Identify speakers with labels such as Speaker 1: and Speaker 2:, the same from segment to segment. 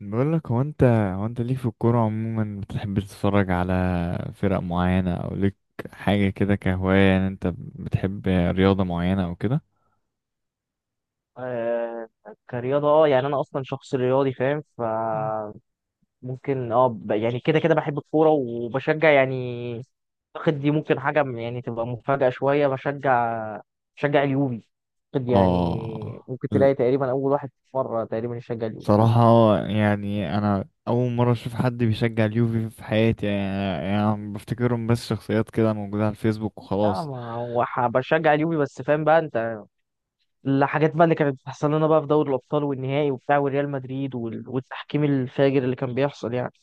Speaker 1: بقول لك هو انت ليك في الكورة عموما بتحب تتفرج على فرق معينة او ليك حاجة كده كهواية، يعني انت بتحب رياضة معينة او كده؟
Speaker 2: آه كرياضة يعني أنا أصلا شخص رياضي فاهم
Speaker 1: مم.
Speaker 2: فممكن يعني كده كده بحب الكورة وبشجع يعني أعتقد دي ممكن حاجة يعني تبقى مفاجأة شوية بشجع اليوفي. أعتقد
Speaker 1: اه،
Speaker 2: يعني ممكن تلاقي تقريبا أول واحد مرة تقريبا يشجع اليوفي.
Speaker 1: بصراحة يعني انا اول مرة اشوف حد بيشجع اليوفي في حياتي، يعني بفتكرهم بس شخصيات كده موجودة على الفيسبوك
Speaker 2: لا
Speaker 1: وخلاص.
Speaker 2: ما هو بشجع اليوفي بس فاهم بقى أنت الحاجات بقى اللي كانت بتحصل لنا بقى في دوري الأبطال والنهائي وبتاع وريال مدريد وال- والتحكيم الفاجر اللي كان بيحصل يعني.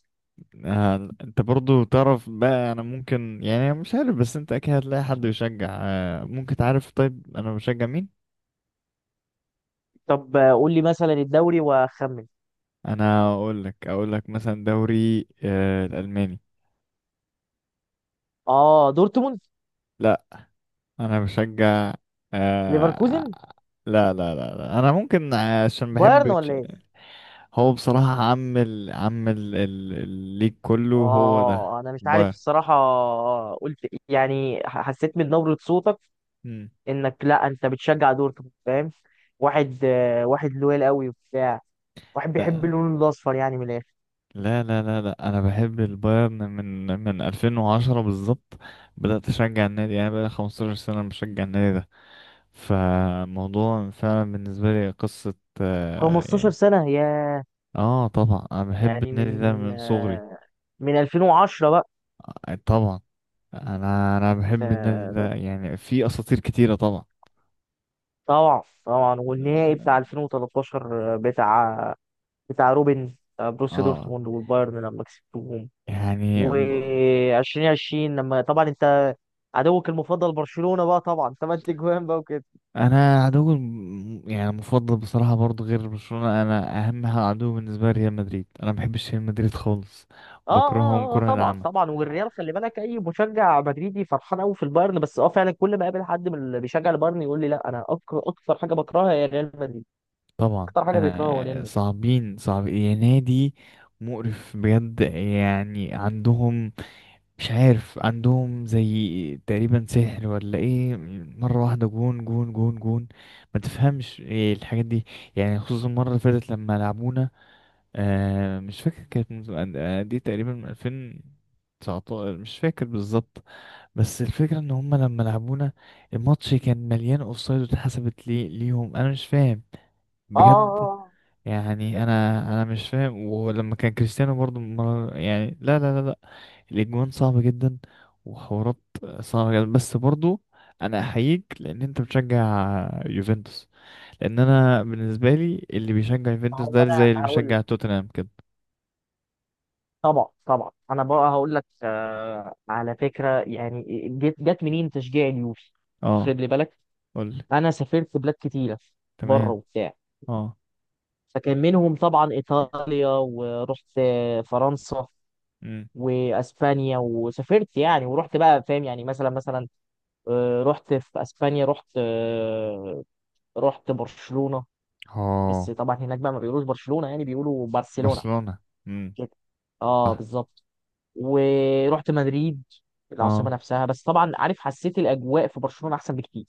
Speaker 1: آه، انت برضو تعرف بقى، انا ممكن يعني مش عارف، بس انت اكيد هتلاقي حد بيشجع، ممكن تعرف طيب انا بشجع مين؟
Speaker 2: طب قول لي مثلا الدوري وأخمن.
Speaker 1: انا اقول لك مثلا دوري الالماني.
Speaker 2: اه دورتموند.
Speaker 1: لا، انا بشجع، آه
Speaker 2: ليفركوزن.
Speaker 1: لا لا لا, لا. انا ممكن عشان
Speaker 2: بايرن
Speaker 1: بحب
Speaker 2: ولا ايه؟
Speaker 1: هو بصراحة الليج كله هو ده
Speaker 2: اه انا مش عارف
Speaker 1: بايرن.
Speaker 2: الصراحه، قلت يعني حسيت من نبره صوتك
Speaker 1: مم.
Speaker 2: انك لا انت بتشجع دورتموند، فاهم؟ واحد واحد لويل قوي وبتاع، واحد بيحب
Speaker 1: لا
Speaker 2: اللون الاصفر يعني من الاخر.
Speaker 1: لا لا لا لا، انا بحب البايرن من 2010 بالظبط، بدأت اشجع النادي يعني بقى 15 سنة بشجع النادي ده. فموضوع فعلا بالنسبة لي قصة، آه
Speaker 2: 15
Speaker 1: يعني.
Speaker 2: سنه يا،
Speaker 1: اه، طبعا انا بحب
Speaker 2: يعني
Speaker 1: النادي ده
Speaker 2: من
Speaker 1: من صغري.
Speaker 2: من 2010 بقى.
Speaker 1: آه، طبعا انا بحب النادي ده،
Speaker 2: آه،
Speaker 1: يعني في اساطير كتيرة طبعا.
Speaker 2: طبعا طبعا والنهائي
Speaker 1: آه،
Speaker 2: بتاع 2013 بتاع بتاع روبن، بروسيا
Speaker 1: اه
Speaker 2: دورتموند والبايرن لما كسبتهم.
Speaker 1: يعني
Speaker 2: و2020 لما طبعا انت عدوك المفضل برشلونة بقى طبعا ثمان تجوان بقى وكده.
Speaker 1: انا عدو يعني مفضل بصراحة، برضو غير برشلونة انا اهم عدو بالنسبة لي ريال مدريد، انا ما بحبش ريال مدريد خالص. بكرههم كره
Speaker 2: طبعا
Speaker 1: العمى،
Speaker 2: طبعا والريال خلي بالك اي مشجع مدريدي فرحان قوي في البايرن، بس اه فعلا كل ما اقابل حد من اللي بيشجع البايرن يقول لي لا انا اكتر حاجه بكرهها هي ريال مدريد،
Speaker 1: طبعا
Speaker 2: اكتر حاجه بيكرهها هو ريال
Speaker 1: انا
Speaker 2: مدريد.
Speaker 1: صعبين، صعب يا نادي. مقرف بجد، يعني عندهم، مش عارف عندهم زي تقريبا سحر ولا ايه؟ مرة واحدة جون جون جون جون، ما تفهمش ايه الحاجات دي. يعني خصوصا المرة اللي فاتت لما لعبونا، آه مش فاكر، كانت دي تقريبا من 2019، مش فاكر بالظبط. بس الفكرة ان هما لما لعبونا الماتش كان مليان اوفسايد واتحسبت لي ليهم، انا مش فاهم
Speaker 2: اه اه آه.
Speaker 1: بجد.
Speaker 2: آه.
Speaker 1: يعني انا مش فاهم، ولما كان كريستيانو برضو مرة يعني، لا لا لا، الاجوان صعبة جدا وحوارات صعبة جدا. بس برضو انا احييك، لان انت بتشجع يوفنتوس، لان انا بالنسبة لي اللي بيشجع
Speaker 2: ما
Speaker 1: يوفنتوس
Speaker 2: هو
Speaker 1: ده زي اللي
Speaker 2: انا هقول،
Speaker 1: بيشجع توتنهام كده.
Speaker 2: طبعا طبعا انا بقى هقول لك، على فكره يعني جت منين تشجيع اليوفي؟
Speaker 1: اه،
Speaker 2: خلي بالك
Speaker 1: قولي.
Speaker 2: انا سافرت بلاد كتيره بره
Speaker 1: تمام.
Speaker 2: وبتاع،
Speaker 1: اه.
Speaker 2: فكان منهم طبعا إيطاليا، ورحت فرنسا
Speaker 1: امم.
Speaker 2: وأسبانيا وسافرت يعني ورحت بقى فاهم يعني مثلا مثلا، رحت في أسبانيا رحت رحت برشلونة. بس
Speaker 1: اه.
Speaker 2: طبعا هناك بقى ما بيقولوش برشلونة يعني بيقولوا برشلونة
Speaker 1: برشلونة. امم.
Speaker 2: كده. اه
Speaker 1: صح.
Speaker 2: بالظبط. ورحت مدريد العاصمة
Speaker 1: اه،
Speaker 2: نفسها، بس طبعا عارف حسيت الأجواء في برشلونة أحسن بكتير،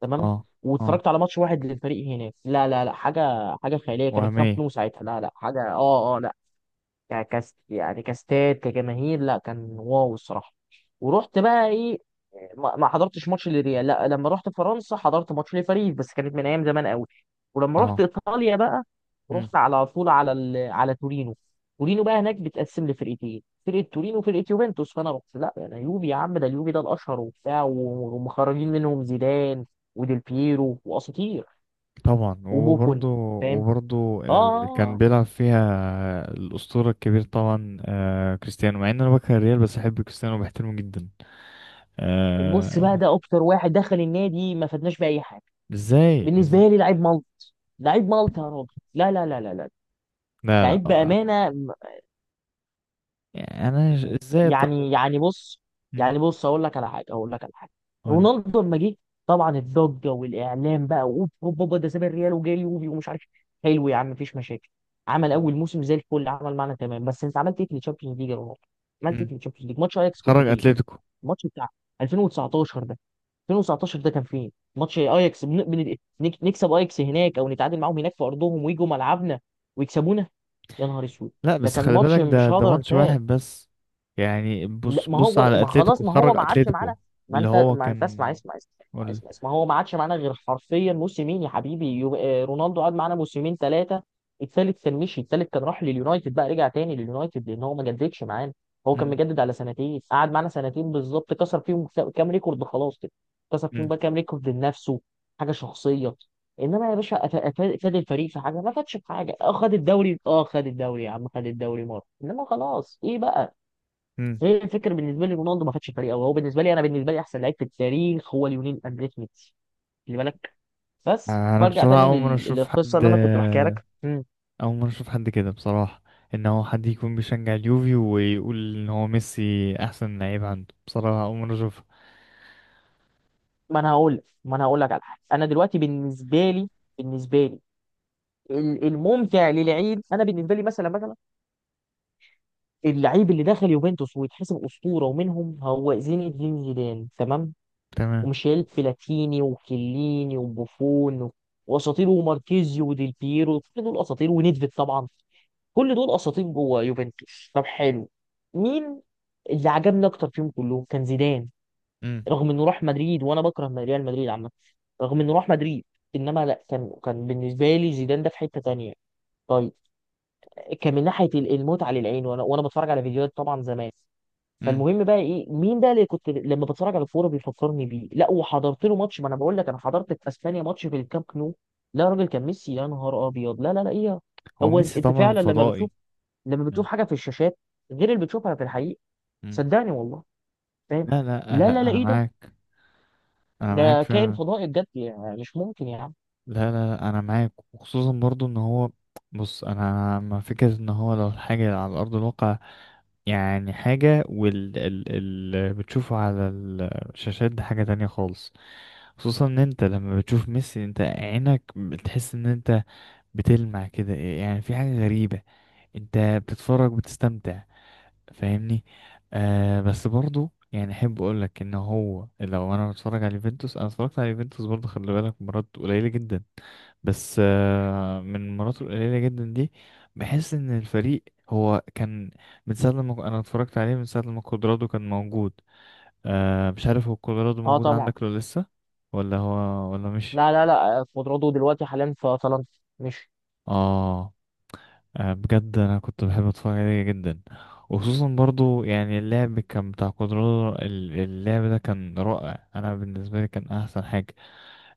Speaker 2: تمام.
Speaker 1: اه، اه.
Speaker 2: واتفرجت على ماتش واحد للفريق هناك، لا لا لا حاجة حاجة خيالية، كان الكامب
Speaker 1: وهمية.
Speaker 2: نو ساعتها لا لا حاجة لا ك- كس يعني كاستاد كجماهير، لا كان واو الصراحه. ورحت بقى ايه، ما حضرتش ماتش للريال، لا لما رحت فرنسا حضرت ماتش لباريس بس كانت من ايام زمان قوي. ولما رحت
Speaker 1: اه،
Speaker 2: ايطاليا بقى رحت على طول على ال... على تورينو. تورينو بقى هناك بتقسم لفرقتين، فرقه تورينو وفرقه يوفنتوس، فانا رحت لا انا يوفي يا عم، ده اليوفي ده الاشهر وبتاع و ومخرجين منهم زيدان وديل بييرو واساطير
Speaker 1: طبعا. وبرضه،
Speaker 2: وبوفون، فاهم.
Speaker 1: وبرضه
Speaker 2: اه
Speaker 1: اللي
Speaker 2: آه،
Speaker 1: كان
Speaker 2: آه.
Speaker 1: بيلعب فيها الأسطورة الكبير طبعا، آه كريستيانو، مع ان انا بكره الريال بس احب كريستيانو وبحترمه جدا.
Speaker 2: بص بقى
Speaker 1: آه،
Speaker 2: ده اكتر واحد دخل النادي ما فادناش باي حاجه.
Speaker 1: ازاي
Speaker 2: بالنسبه لي لعيب ملط، لعيب ملط يا راجل، لا لا لا لا لا،
Speaker 1: لا لا،
Speaker 2: لعيب
Speaker 1: آه.
Speaker 2: بامانه.
Speaker 1: يعني انا
Speaker 2: م-
Speaker 1: ازاي طب؟
Speaker 2: يعني يعني بص،
Speaker 1: مم،
Speaker 2: يعني بص اقول لك على حاجه، اقول لك على حاجه.
Speaker 1: قول.
Speaker 2: رونالدو لما جه طبعا الضجه والاعلام بقى، اوب اوب اوب ده ساب الريال وجاي اليوفي ومش عارف إيه. حلو يا عم، مفيش مشاكل. عمل اول موسم زي الفل، عمل معانا تمام، بس انت عملت ايه في الشامبيونز ليج يا رونالدو؟ عملت ايه
Speaker 1: مم.
Speaker 2: في الشامبيونز ليج ماتش اياكس؟ كنت
Speaker 1: خرج
Speaker 2: فين؟
Speaker 1: اتلتيكو.
Speaker 2: الماتش بتاع 2019 ده، 2019 ده كان فين؟ ماتش اياكس بن... بن... نكسب اياكس هناك او نتعادل معاهم هناك في ارضهم ويجوا ملعبنا ويكسبونا؟ يا نهار اسود!
Speaker 1: لا
Speaker 2: ده
Speaker 1: بس
Speaker 2: كان
Speaker 1: خلي
Speaker 2: ماتش
Speaker 1: بالك ده
Speaker 2: مش
Speaker 1: ده
Speaker 2: هقدر
Speaker 1: ماتش
Speaker 2: انساه.
Speaker 1: واحد بس. يعني
Speaker 2: لا
Speaker 1: بص
Speaker 2: ما
Speaker 1: بص
Speaker 2: هو
Speaker 1: على
Speaker 2: ما خلاص
Speaker 1: اتلتيكو،
Speaker 2: ما هو
Speaker 1: خرج
Speaker 2: ما عادش
Speaker 1: اتلتيكو.
Speaker 2: معانا. ما
Speaker 1: اللي
Speaker 2: انت
Speaker 1: هو
Speaker 2: ما انت اسمع
Speaker 1: كان،
Speaker 2: اسمع اسمع
Speaker 1: قول.
Speaker 2: اسمع، اسمع، هو ما عادش معانا غير حرفيا موسمين يا حبيبي، يو... رونالدو قعد معانا موسمين ثلاثه، الثالث كان مشي الثالث كان راح لليونايتد بقى، رجع تاني لليونايتد لان هو ما جددش معانا. هو كان
Speaker 1: مم،
Speaker 2: مجدد على سنتين، قعد معانا سنتين بالظبط، كسر فيهم كام ريكورد خلاص كده، كسر فيهم
Speaker 1: مم،
Speaker 2: بقى كام ريكورد لنفسه، حاجه شخصيه. انما يا باشا فاد الفريق في حاجه؟ ما فادش في حاجه. اه خد الدوري، اه خد الدوري يا عم خد الدوري مره، انما خلاص ايه بقى.
Speaker 1: مم.
Speaker 2: هي الفكره بالنسبه لي رونالدو ما خدش فريق قوي، هو بالنسبه لي، انا بالنسبه لي احسن لعيب في التاريخ هو ليونيل اندريس ميسي، خلي بالك. بس
Speaker 1: آه، انا
Speaker 2: فارجع
Speaker 1: بصراحة
Speaker 2: تاني
Speaker 1: اول مرة اشوف
Speaker 2: للقصه
Speaker 1: حد،
Speaker 2: اللي انا كنت بحكيها لك. مم.
Speaker 1: أول مرة أشوف حد كده بصراحة، إن هو حد يكون بيشجع اليوفي ويقول إن هو ميسي أحسن لعيب عنده، بصراحة أول مرة أشوفها.
Speaker 2: ما انا هقول لك، ما انا هقول لك على حاجه، انا دلوقتي بالنسبه لي، بالنسبه لي الممتع للعيب انا بالنسبه لي مثلا مثلا، اللعيب اللي دخل يوفنتوس ويتحسب اسطوره ومنهم هو زين الدين زيدان، تمام،
Speaker 1: تمام.
Speaker 2: وميشيل بلاتيني وكليني وبوفون واساطير وماركيزيو وديل بيرو، كل دول اساطير ونيدفيد طبعا، كل دول اساطير جوه يوفنتوس. طب حلو، مين اللي عجبني اكتر فيهم كلهم؟ كان زيدان.
Speaker 1: امم.
Speaker 2: رغم انه راح مدريد وانا بكره ريال مدريد عامه، رغم انه راح مدريد، انما لا كان كان بالنسبه لي زيدان ده في حته تانية. طيب، كان من ناحيه المتعه للعين، وانا بتفرج على فيديوهات طبعا زمان.
Speaker 1: امم.
Speaker 2: فالمهم بقى ايه، مين ده اللي كنت لما بتفرج على الكوره بيفكرني بيه؟ لا وحضرت له ماتش، ما انا بقول لك انا حضرت في اسبانيا ماتش في الكامب نو. لا يا راجل كان ميسي، يا نهار ابيض، لا لا لا ايه.
Speaker 1: هو
Speaker 2: هو انت
Speaker 1: ميسي
Speaker 2: أنت
Speaker 1: طبعا
Speaker 2: فعلا لما
Speaker 1: فضائي.
Speaker 2: بتشوف، لما بتشوف حاجه في الشاشات غير اللي بتشوفها في الحقيقه،
Speaker 1: امم.
Speaker 2: صدقني والله، فاهم.
Speaker 1: لا لا
Speaker 2: لا
Speaker 1: لا،
Speaker 2: لا لا
Speaker 1: أنا
Speaker 2: ايه ده،
Speaker 1: معاك. أنا
Speaker 2: ده
Speaker 1: معاك
Speaker 2: كائن
Speaker 1: فعلا.
Speaker 2: فضائي بجد، يعني مش ممكن يا عم.
Speaker 1: لا لا لا، انا معاك، وخصوصا برضو ان هو، بص، انا مع فكرة ان هو لو الحاجة على ارض الواقع يعني حاجة، وال ال ال بتشوفه على الشاشات دي حاجة تانية خالص. خصوصا ان انت لما بتشوف ميسي انت عينك بتحس ان انت بتلمع كده، يعني في حاجة غريبة، انت بتتفرج، بتستمتع، فاهمني؟ آه، بس برضو يعني احب اقول لك ان هو، لو انا بتفرج على يوفنتوس، انا اتفرجت على يوفنتوس برضو خلي بالك مرات قليله جدا. بس آه من المرات القليله جدا دي بحس ان الفريق هو كان من ساعه لما انا اتفرجت عليه، من ساعه لما كودرادو كان موجود. آه مش عارف هو كودرادو
Speaker 2: اه
Speaker 1: موجود
Speaker 2: طبعا.
Speaker 1: عندك ولا لسه، ولا هو ولا مش؟
Speaker 2: لا لا لا خضراته دلوقتي حاليا في طلنطا، مش...
Speaker 1: اه. آه، بجد انا كنت بحب اتفرج عليه جدا، وخصوصا برضو يعني اللعب كان بتاع كودرادو، اللعب ده كان رائع، انا بالنسبه لي كان احسن حاجه،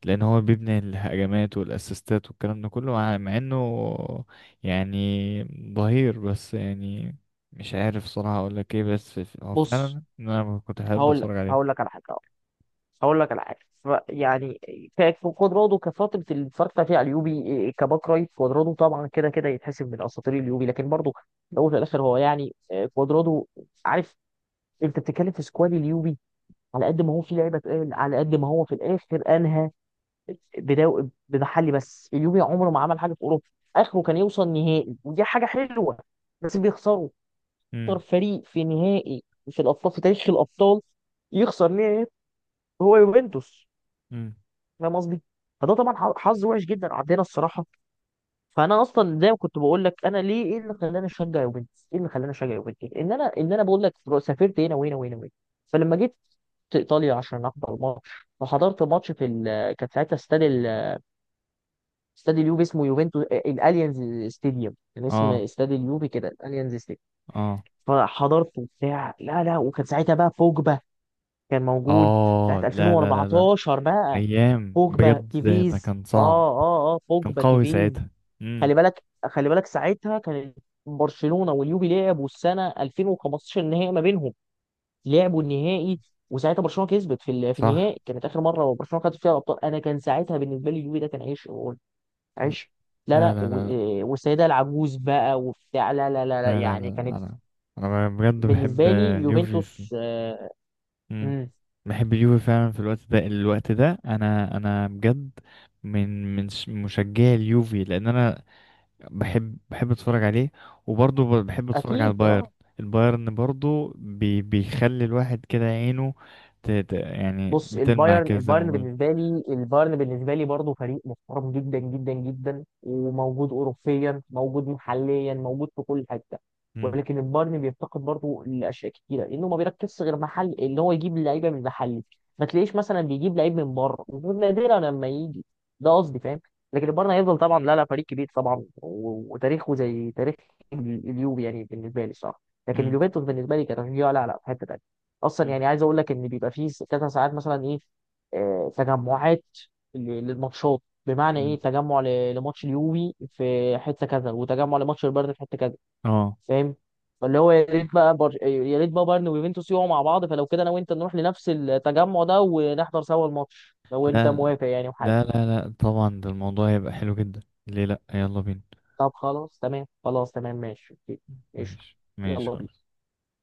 Speaker 1: لان هو بيبني الهجمات والاسيستات والكلام ده كله، مع انه يعني ظهير بس، يعني مش عارف صراحه اقول لك ايه، بس هو
Speaker 2: بص
Speaker 1: فعلا انا كنت بحب
Speaker 2: هقول لك،
Speaker 1: اتفرج
Speaker 2: هقول
Speaker 1: عليه.
Speaker 2: لك على حاجه أهو. هقول لك على حاجه، يعني كانت في خضراته كفتره اللي اتفرجت فيها على اليوبي كباك رايت، خضراته طبعا كده كده يتحسب من اساطير اليوبي، لكن برضه في الاول وفي الاخر هو يعني خضراته، عارف. انت بتتكلم في سكواد اليوبي، على قد ما هو في لعيبه تقال، على قد ما هو في الاخر انهى بدو... بمحلي. بس اليوفي عمره ما عمل حاجه في اوروبا، اخره كان يوصل نهائي ودي حاجه حلوه، بس بيخسروا. اكتر
Speaker 1: امم.
Speaker 2: فريق في نهائي في الابطال في تاريخ الابطال يخسر نهائي هو يوفنتوس،
Speaker 1: امم.
Speaker 2: فاهم قصدي؟ فده طبعا حظ وحش جدا عندنا الصراحه. فانا اصلا زي ما كنت بقول لك انا ليه، ايه اللي خلاني اشجع يوفنتوس، ايه اللي خلاني اشجع يوفنتوس، ان انا، بقول لك سافرت هنا وهنا وهنا وهنا، فلما جيت ايطاليا عشان احضر الماتش، فحضرت ماتش في ال... كانت ساعتها استاد ال... استاد اليوفي اسمه يوفنتوس، الاليانز ستاديوم، كان اسم
Speaker 1: اه،
Speaker 2: استاد اليوفي كده الاليانز ستاديوم.
Speaker 1: اه،
Speaker 2: فحضرت وبتاع لا لا، وكان ساعتها بقى بوجبا كان موجود، ساعه
Speaker 1: اه. لا لا لا لا.
Speaker 2: 2014 بقى،
Speaker 1: ايام
Speaker 2: بوجبا
Speaker 1: بجد، ده
Speaker 2: تيفيز،
Speaker 1: كان صعب. كان
Speaker 2: بوجبا
Speaker 1: قوي
Speaker 2: تيفيز.
Speaker 1: ساعتها.
Speaker 2: خلي بالك خلي بالك ساعتها كانت برشلونه واليوفي لعبوا السنه 2015 النهائي ما بينهم، لعبوا النهائي، وساعتها برشلونه كسبت في في
Speaker 1: صح.
Speaker 2: النهائي، كانت اخر مره برشلونه خدت فيها الابطال. انا كان ساعتها بالنسبه لي اليوفي ده كان عيش، عيش. لا
Speaker 1: لا
Speaker 2: لا
Speaker 1: لا لا
Speaker 2: والسيده العجوز بقى وبتاع، لا لا لا لا،
Speaker 1: لا، لا لا
Speaker 2: يعني كانت
Speaker 1: لا، انا بجد بحب
Speaker 2: بالنسبه لي
Speaker 1: اليوفي في...
Speaker 2: يوفنتوس
Speaker 1: مم.
Speaker 2: مم.
Speaker 1: بحب اليوفي فعلا في الوقت ده، الوقت ده انا بجد من مشجعي اليوفي، لان انا بحب اتفرج عليه، وبرضه بحب اتفرج على
Speaker 2: اكيد
Speaker 1: البايرن.
Speaker 2: اه.
Speaker 1: البايرن برضه بيخلي الواحد كده عينه، يعني
Speaker 2: بص
Speaker 1: بتلمع
Speaker 2: البايرن،
Speaker 1: كده زي ما
Speaker 2: البايرن
Speaker 1: قلت.
Speaker 2: بالنسبه لي، البايرن بالنسبه لي برضه فريق محترم جدا جدا جدا، وموجود اوروبيا موجود محليا موجود في كل حته،
Speaker 1: مم.
Speaker 2: ولكن البايرن بيفتقد برضه لاشياء كتيره لانه ما بيركزش غير محل ان هو يجيب لعيبه من محلي، ما تلاقيش مثلا بيجيب لعيب من بره، نادرا لما يجي، ده قصدي فاهم. لكن البايرن هيفضل طبعا لا لا فريق كبير طبعا و وتاريخه زي تاريخ اليوفي يعني بالنسبه لي، صح، لكن
Speaker 1: مم.
Speaker 2: اليوفنتوس بالنسبه لي كتشجيع لا لا في حته تانيه. اصلا
Speaker 1: مم.
Speaker 2: يعني عايز اقول لك ان بيبقى فيه كذا ساعات مثلا ايه، تجمعات للماتشات، بمعنى
Speaker 1: مم.
Speaker 2: ايه، تجمع لماتش اليوفي في حته كذا، وتجمع لماتش البايرن في حته كذا،
Speaker 1: اه.
Speaker 2: فاهم. فاللي هو يا ريت بقى بر... يا ريت بقى بايرن ويوفنتوس يقعوا مع بعض، فلو كده انا وانت نروح لنفس التجمع ده ونحضر سوا الماتش، لو انت
Speaker 1: لا
Speaker 2: موافق يعني وحاجه.
Speaker 1: لا لا لا، طبعا ده الموضوع هيبقى حلو جدا، ليه لا، يلا بينا.
Speaker 2: طب خلاص تمام، خلاص تمام ماشي اوكي، قشطه،
Speaker 1: ماشي ماشي
Speaker 2: يلا
Speaker 1: خلاص.
Speaker 2: بينا.